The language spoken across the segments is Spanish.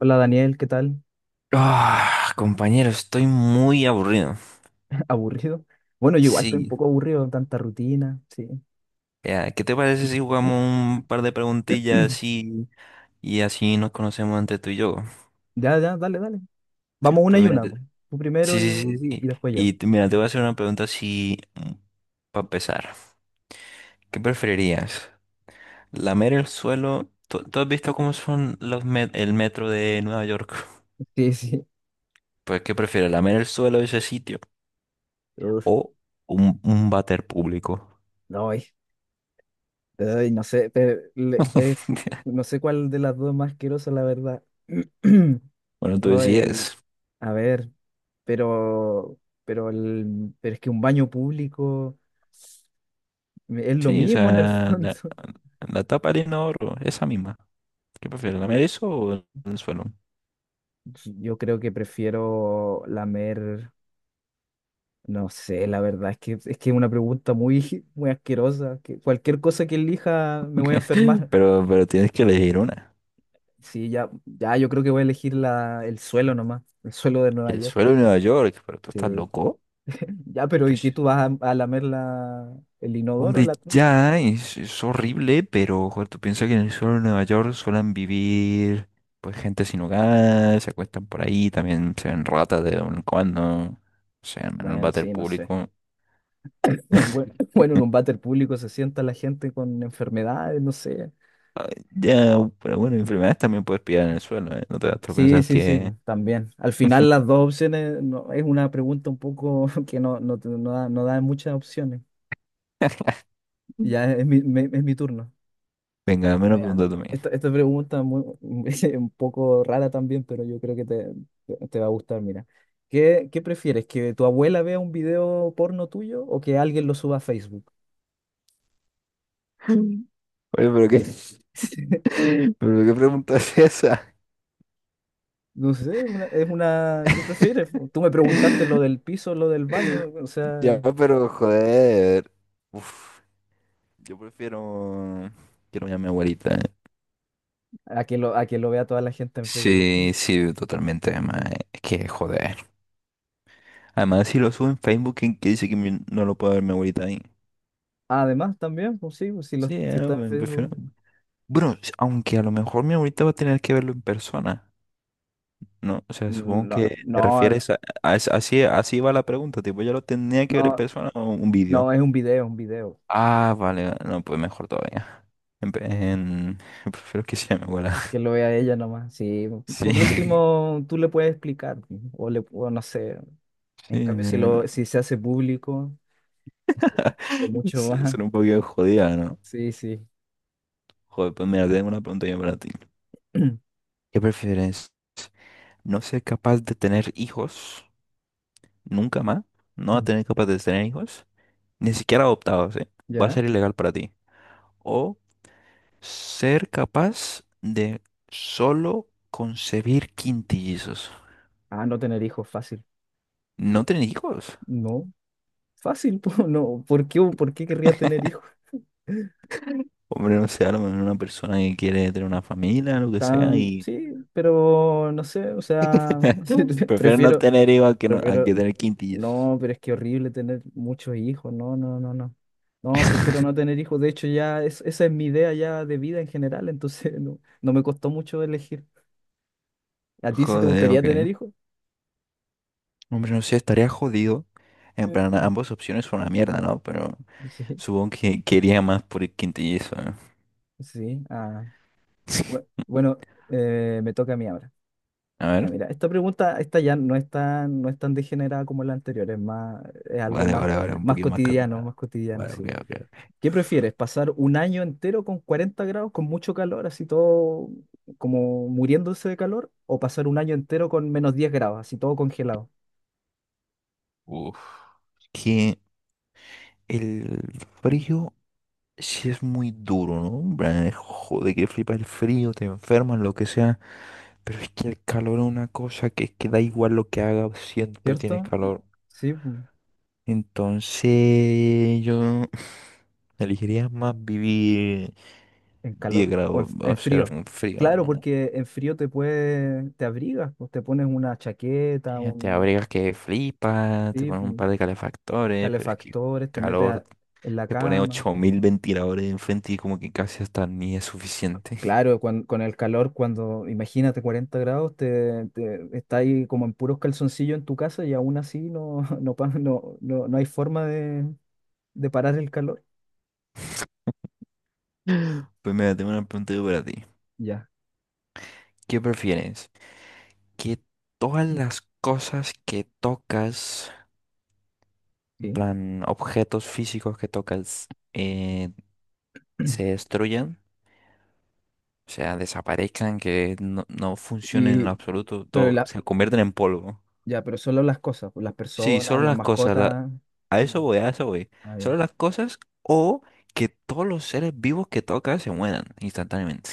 Hola Daniel, ¿qué tal? Ah, compañero, estoy muy aburrido. ¿Aburrido? Bueno, yo igual estoy un Sí. poco aburrido, tanta rutina, sí. Ya, ¿qué te parece si jugamos un par de preguntillas así y así nos conocemos entre tú y yo? Ya, ya, dale, dale. Vamos una Pues y mira, una, po. Tú primero sí, sí, sí, y, sí. y después yo. Y mira, te voy a hacer una pregunta así para empezar. ¿Qué preferirías? ¿Lamer el suelo? ¿Tú has visto cómo son los el metro de Nueva York? Sí, sí. Pues, ¿qué prefieres? ¿Lamer el suelo de ese sitio Uf, o un váter público? no, ay, ay, no sé, no sé cuál de las dos es más asquerosa, la verdad. Bueno, tú Ay, decides. a ver, pero, pero es que un baño público es lo Sí, o mismo en el sea, la, fondo. la tapa arena oro, esa misma. ¿Qué prefieres, lamer eso o el suelo? Yo creo que prefiero lamer. No sé, la verdad es que es una pregunta muy, muy asquerosa. Que cualquier cosa que elija me voy a enfermar. Pero tienes que elegir una. Sí, ya, ya, yo creo que voy a elegir el suelo nomás, el suelo de Nueva El York. suelo de Nueva York, pero tú estás Sí. loco. Ya, pero ¿y qué Pues, tú vas a lamer el inodoro? hombre, ya es horrible, pero joder, tú piensas que en el suelo de Nueva York suelen vivir pues gente sin hogar, se acuestan por ahí, también se ven ratas de vez en cuando, se en el Bueno, váter sí, no sé. público. Bueno, bueno, en un váter público se sienta la gente con enfermedades, no sé. Ya, pero bueno, enfermedades también puedes pillar en el suelo, ¿eh? No te vas a Sí, pensar sí, sí, que pues, también. Al final las dos opciones no, es una pregunta un poco que no, no, no da muchas opciones. Ya es mi turno. Venga, dame Ah, ya, una mira, pregunta tú a mí. esta pregunta muy, es un poco rara también, pero yo creo que te va a gustar. Mira, ¿qué prefieres? ¿Que tu abuela vea un video porno tuyo o que alguien lo suba a Facebook? Mm. Oye, pero qué, pero qué pregunta es esa. No sé, ¿qué prefieres? Tú me preguntaste lo del piso, lo del baño, o sea, Ya, pero joder. Uf, yo prefiero. Quiero llamar a mi abuelita. a que lo vea toda la gente en Facebook. Sí, sí, totalmente. Además, es que joder. Además, si lo subo en Facebook, ¿quién que dice que no lo puede ver mi abuelita ahí? Además, también, pues sí, pues, si, Sí, si está en me prefiero. Facebook. Bueno, aunque a lo mejor mi abuelita va a tener que verlo en persona. No, o sea, supongo No, que te no, refieres a así va la pregunta, tipo, yo lo tenía que ver en no, persona o un vídeo. no, es un video, es un video. Ah, vale, vale, no, pues mejor todavía. En pe- en- prefiero que sea mi abuela. Que lo vea ella nomás. Sí, Sí, por último, tú le puedes explicar, o le o no sé. En sí, cambio, no, no, no. si se hace público, es mucho Sí, más. eso un poquito jodida, ¿no? Sí, sí. Joder, pues mira, tengo una pregunta yo para ti. ¿Qué prefieres? ¿No ser capaz de tener hijos nunca más? ¿No tener capaz de tener hijos? Ni siquiera adoptados, ¿eh? Va a ¿Ya? ser ilegal para ti. O ser capaz de solo concebir quintillizos. Ah, no tener hijos, fácil. No tener hijos. No, fácil, po, no. ¿Por qué querría tener hijos? Hombre, no sé, a lo mejor una persona que quiere tener una familia, lo que sea, y sí, pero no sé, o sea, prefiere no prefiero, tener hijos a que, no- a prefiero. que tener quintillizos. No, pero es que horrible tener muchos hijos. No, no, no, no. No, prefiero no tener hijos. De hecho, ya esa es mi idea ya de vida en general. Entonces, no me costó mucho elegir. ¿A ti sí te Joder, gustaría ok. tener hijos? Hombre, no sé, estaría jodido. En plan, Eh, ambas opciones son una mierda, ¿no? Pero Sí, supongo que quería más por el quintillizo, ¿no? sí. Ah, bue- bueno, eh, me toca a mí ahora. A Ya, ver. mira, esta pregunta, esta ya no es tan degenerada como la anterior. Es más, es algo Vale, más, vale, vale, un poquito más más calmado. cotidiano, Vale, ok, sí. ok. ¿Qué prefieres? ¿Pasar un año entero con 40 grados, con mucho calor, así todo como muriéndose de calor? ¿O pasar un año entero con -10 grados, así todo congelado? Uf. Que el frío sí es muy duro, ¿no? Hombre, joder, que flipa el frío, te enfermas, lo que sea. Pero es que el calor es una cosa que es que da igual lo que haga, siempre tienes ¿Cierto? calor. Sí, pu, Entonces yo elegiría más vivir en 10 calor o en, grados, en o sea, frío. un frío, Claro, ¿no? porque en frío te abrigas, pues te pones una chaqueta, te un abrigas que flipa, te sí, pones un pu, par de calefactores, pero es que calefactores, te metes calor, en la te pones cama. 8.000 ventiladores enfrente y como que casi hasta ni es suficiente. Claro, con el calor, cuando imagínate 40 grados, está ahí como en puros calzoncillos en tu casa y aún así no, no, no, no, no hay forma de parar el calor. Pues mira, tengo una pregunta yo para ti. Ya, ¿Qué prefieres? ¿Que todas las cosas que tocas, en sí. plan objetos físicos que tocas, se destruyan? O sea, desaparezcan, que no, no funcionen en Y, lo absoluto, pero todo, la, se convierten en polvo. ya, pero solo las cosas, pues, las Sí, personas, solo las las cosas, mascotas. a eso No. voy, a eso voy. Ah, ya. Solo las cosas o que todos los seres vivos que tocas se mueran instantáneamente.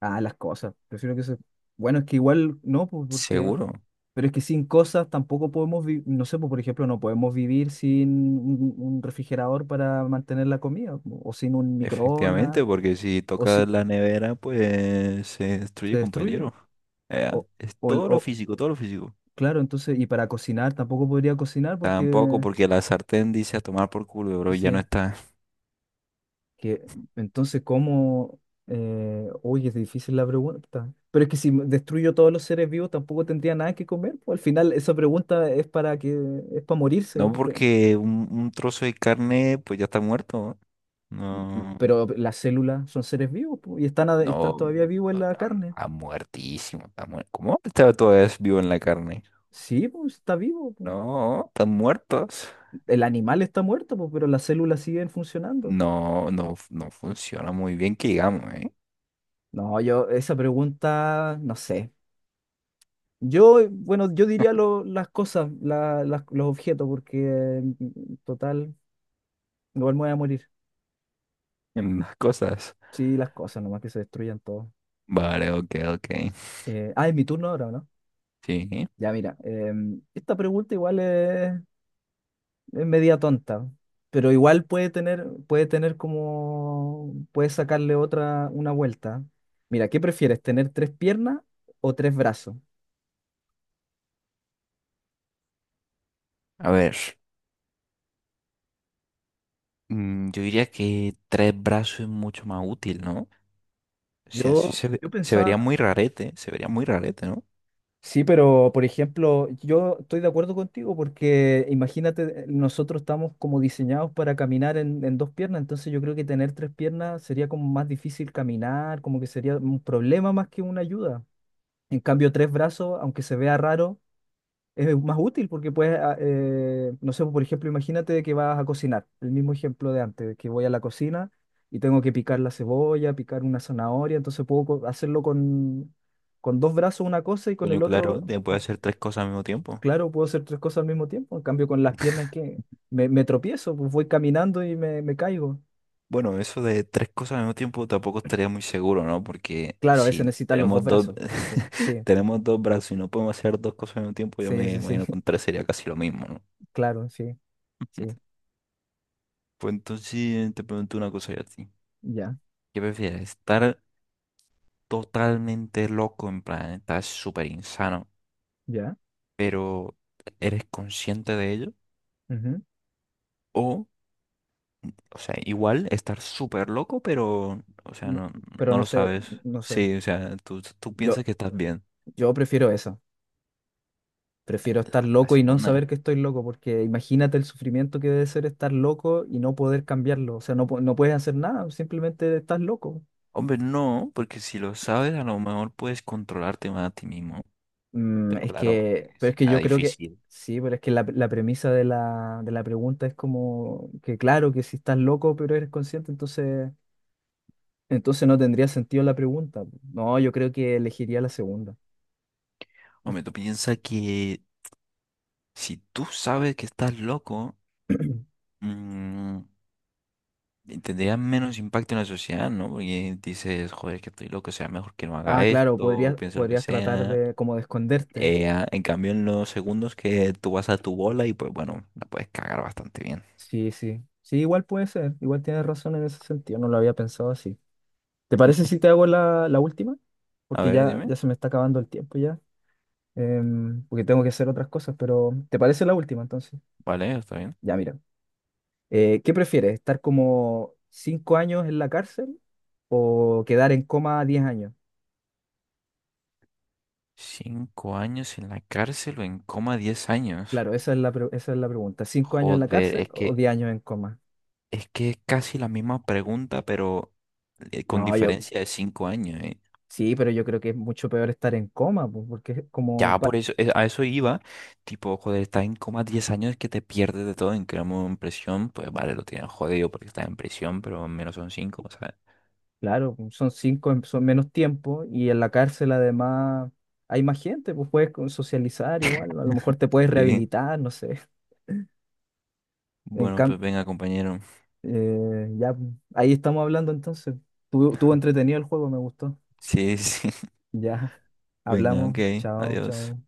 Ah, las cosas. Prefiero que se. Bueno, es que igual no, pues porque Seguro, pero es que sin cosas tampoco podemos vivir, no sé, pues, por ejemplo, no podemos vivir sin un refrigerador para mantener la comida, o sin un microondas, efectivamente, porque si o si tocas la nevera, pues se se destruye, destruye. compañero. Ya, O, es o, el- todo lo o- físico, todo lo físico. claro, entonces, y para cocinar tampoco podría cocinar Tampoco porque, porque la sartén dice a tomar por culo, bro, ya no sí, está. que entonces, ¿cómo? Uy, es difícil la pregunta. Pero es que si destruyo todos los seres vivos tampoco tendría nada que comer, pues, al final, esa pregunta es para que, es para morirse. No porque un trozo de carne, pues ya está muerto. No, Pero las células son seres vivos, po, y están, están no, todavía vivos en no, la está, carne. está muertísimo. ¿Cómo está todavía vivo en la carne? Sí, pues está vivo, po. No, están muertos. El animal está muerto, po, pero las células siguen funcionando. No, no, no funciona muy bien que digamos, ¿eh? No, yo, esa pregunta, no sé. Yo, bueno, yo diría las cosas, los objetos, porque eh, total, igual me voy a morir. En las cosas. Sí, las cosas, nomás que se destruyan todo. Vale, ok, ok. Ah, es mi turno ahora, ¿o no? Sí. Ya, mira, esta pregunta igual Es. Media tonta, pero igual puede tener como, puede sacarle otra, una vuelta. Mira, ¿qué prefieres, tener tres piernas o tres brazos? A ver, mm, yo diría que tres brazos es mucho más útil, ¿no? O sea, sí Yo, yo se vería pensaba, muy rarete, se vería muy rarete, ¿no? sí, pero por ejemplo, yo estoy de acuerdo contigo porque imagínate, nosotros estamos como diseñados para caminar en dos piernas, entonces yo creo que tener tres piernas sería como más difícil caminar, como que sería un problema más que una ayuda. En cambio, tres brazos, aunque se vea raro, es más útil porque puedes, no sé, por ejemplo, imagínate que vas a cocinar, el mismo ejemplo de antes, que voy a la cocina y tengo que picar la cebolla, picar una zanahoria, entonces puedo hacerlo con dos brazos una cosa y con el Coño, claro, otro, de mm, poder hacer tres cosas al mismo tiempo. claro, puedo hacer tres cosas al mismo tiempo, en cambio con las piernas que me tropiezo, pues voy caminando y me caigo. Bueno, eso de tres cosas al mismo tiempo tampoco estaría muy seguro, ¿no? Porque Claro, a veces si necesitas los dos tenemos dos, brazos, sí, sí, tenemos dos brazos y no podemos hacer dos cosas al mismo tiempo, yo sí, me sí, sí, imagino que con tres sería casi lo mismo, ¿no? claro, sí, sí, Pues entonces te pregunto una cosa yo a ti. ya, ¿Qué prefieres? ¿Estar totalmente loco, en plan, estar súper insano, ya. pero eres consciente de ello? Ujú. ¿O O sea, igual estar súper loco, pero, o sea, No- no, pero no no lo sé, sabes. no sé. Sí, o sea, tú piensas Yo, que estás bien. Yo prefiero eso. Prefiero estar La loco y no segunda. saber que estoy loco, porque imagínate el sufrimiento que debe ser estar loco y no poder cambiarlo. O sea, no, no puedes hacer nada, simplemente estás loco. Hombre, no, porque si lo sabes, a lo mejor puedes controlarte más a ti mismo. Mm, Pero es claro, que, pero es que será yo creo que, difícil. sí, pero es que la premisa de la pregunta es como que claro, que si estás loco pero eres consciente, entonces, no tendría sentido la pregunta. No, yo creo que elegiría la segunda. Hombre, tú piensas que si tú sabes que estás loco, mm, tendría menos impacto en la sociedad, ¿no? Porque dices, joder, que estoy loco, o sea, mejor que no haga Ah, claro, esto, o podrías, piense lo que podrías tratar sea. de como de esconderte, En cambio, en los segundos que tú vas a tu bola y pues bueno, la puedes cagar bastante bien. sí, sí. Sí, igual puede ser. Igual tienes razón en ese sentido. No lo había pensado así. ¿Te parece si te hago la última? A Porque ver, ya, dime. ya se me está acabando el tiempo ya. Porque tengo que hacer otras cosas, pero ¿te parece la última entonces? Vale, está bien. Ya, mira. ¿Qué prefieres? ¿Estar como 5 años en la cárcel o quedar en coma 10 años? 5 años en la cárcel o en coma 10 años. Claro, esa es la pregunta. ¿5 años en la Joder, cárcel es o que 10 años en coma? es que es casi la misma pregunta, pero con No, yo diferencia de 5 años, ¿eh? sí, pero yo creo que es mucho peor estar en coma, pues, porque es como, Ya por eso, a eso iba. Tipo, joder, estás en coma 10 años que te pierdes de todo. En cambio, en prisión, pues vale, lo tienes jodido porque estás en prisión, pero al menos son cinco, ¿sabes? Claro, pues, son cinco, son menos tiempo y en la cárcel además hay más gente, pues puedes socializar igual, a lo mejor te puedes Sí. rehabilitar, no sé. En Bueno, pues cambio, venga, compañero. ya, pues, ahí estamos hablando entonces. Tuvo entretenido el juego, me gustó. Sí, sí. Ya, Venga, hablamos, ok, chao, adiós. chao.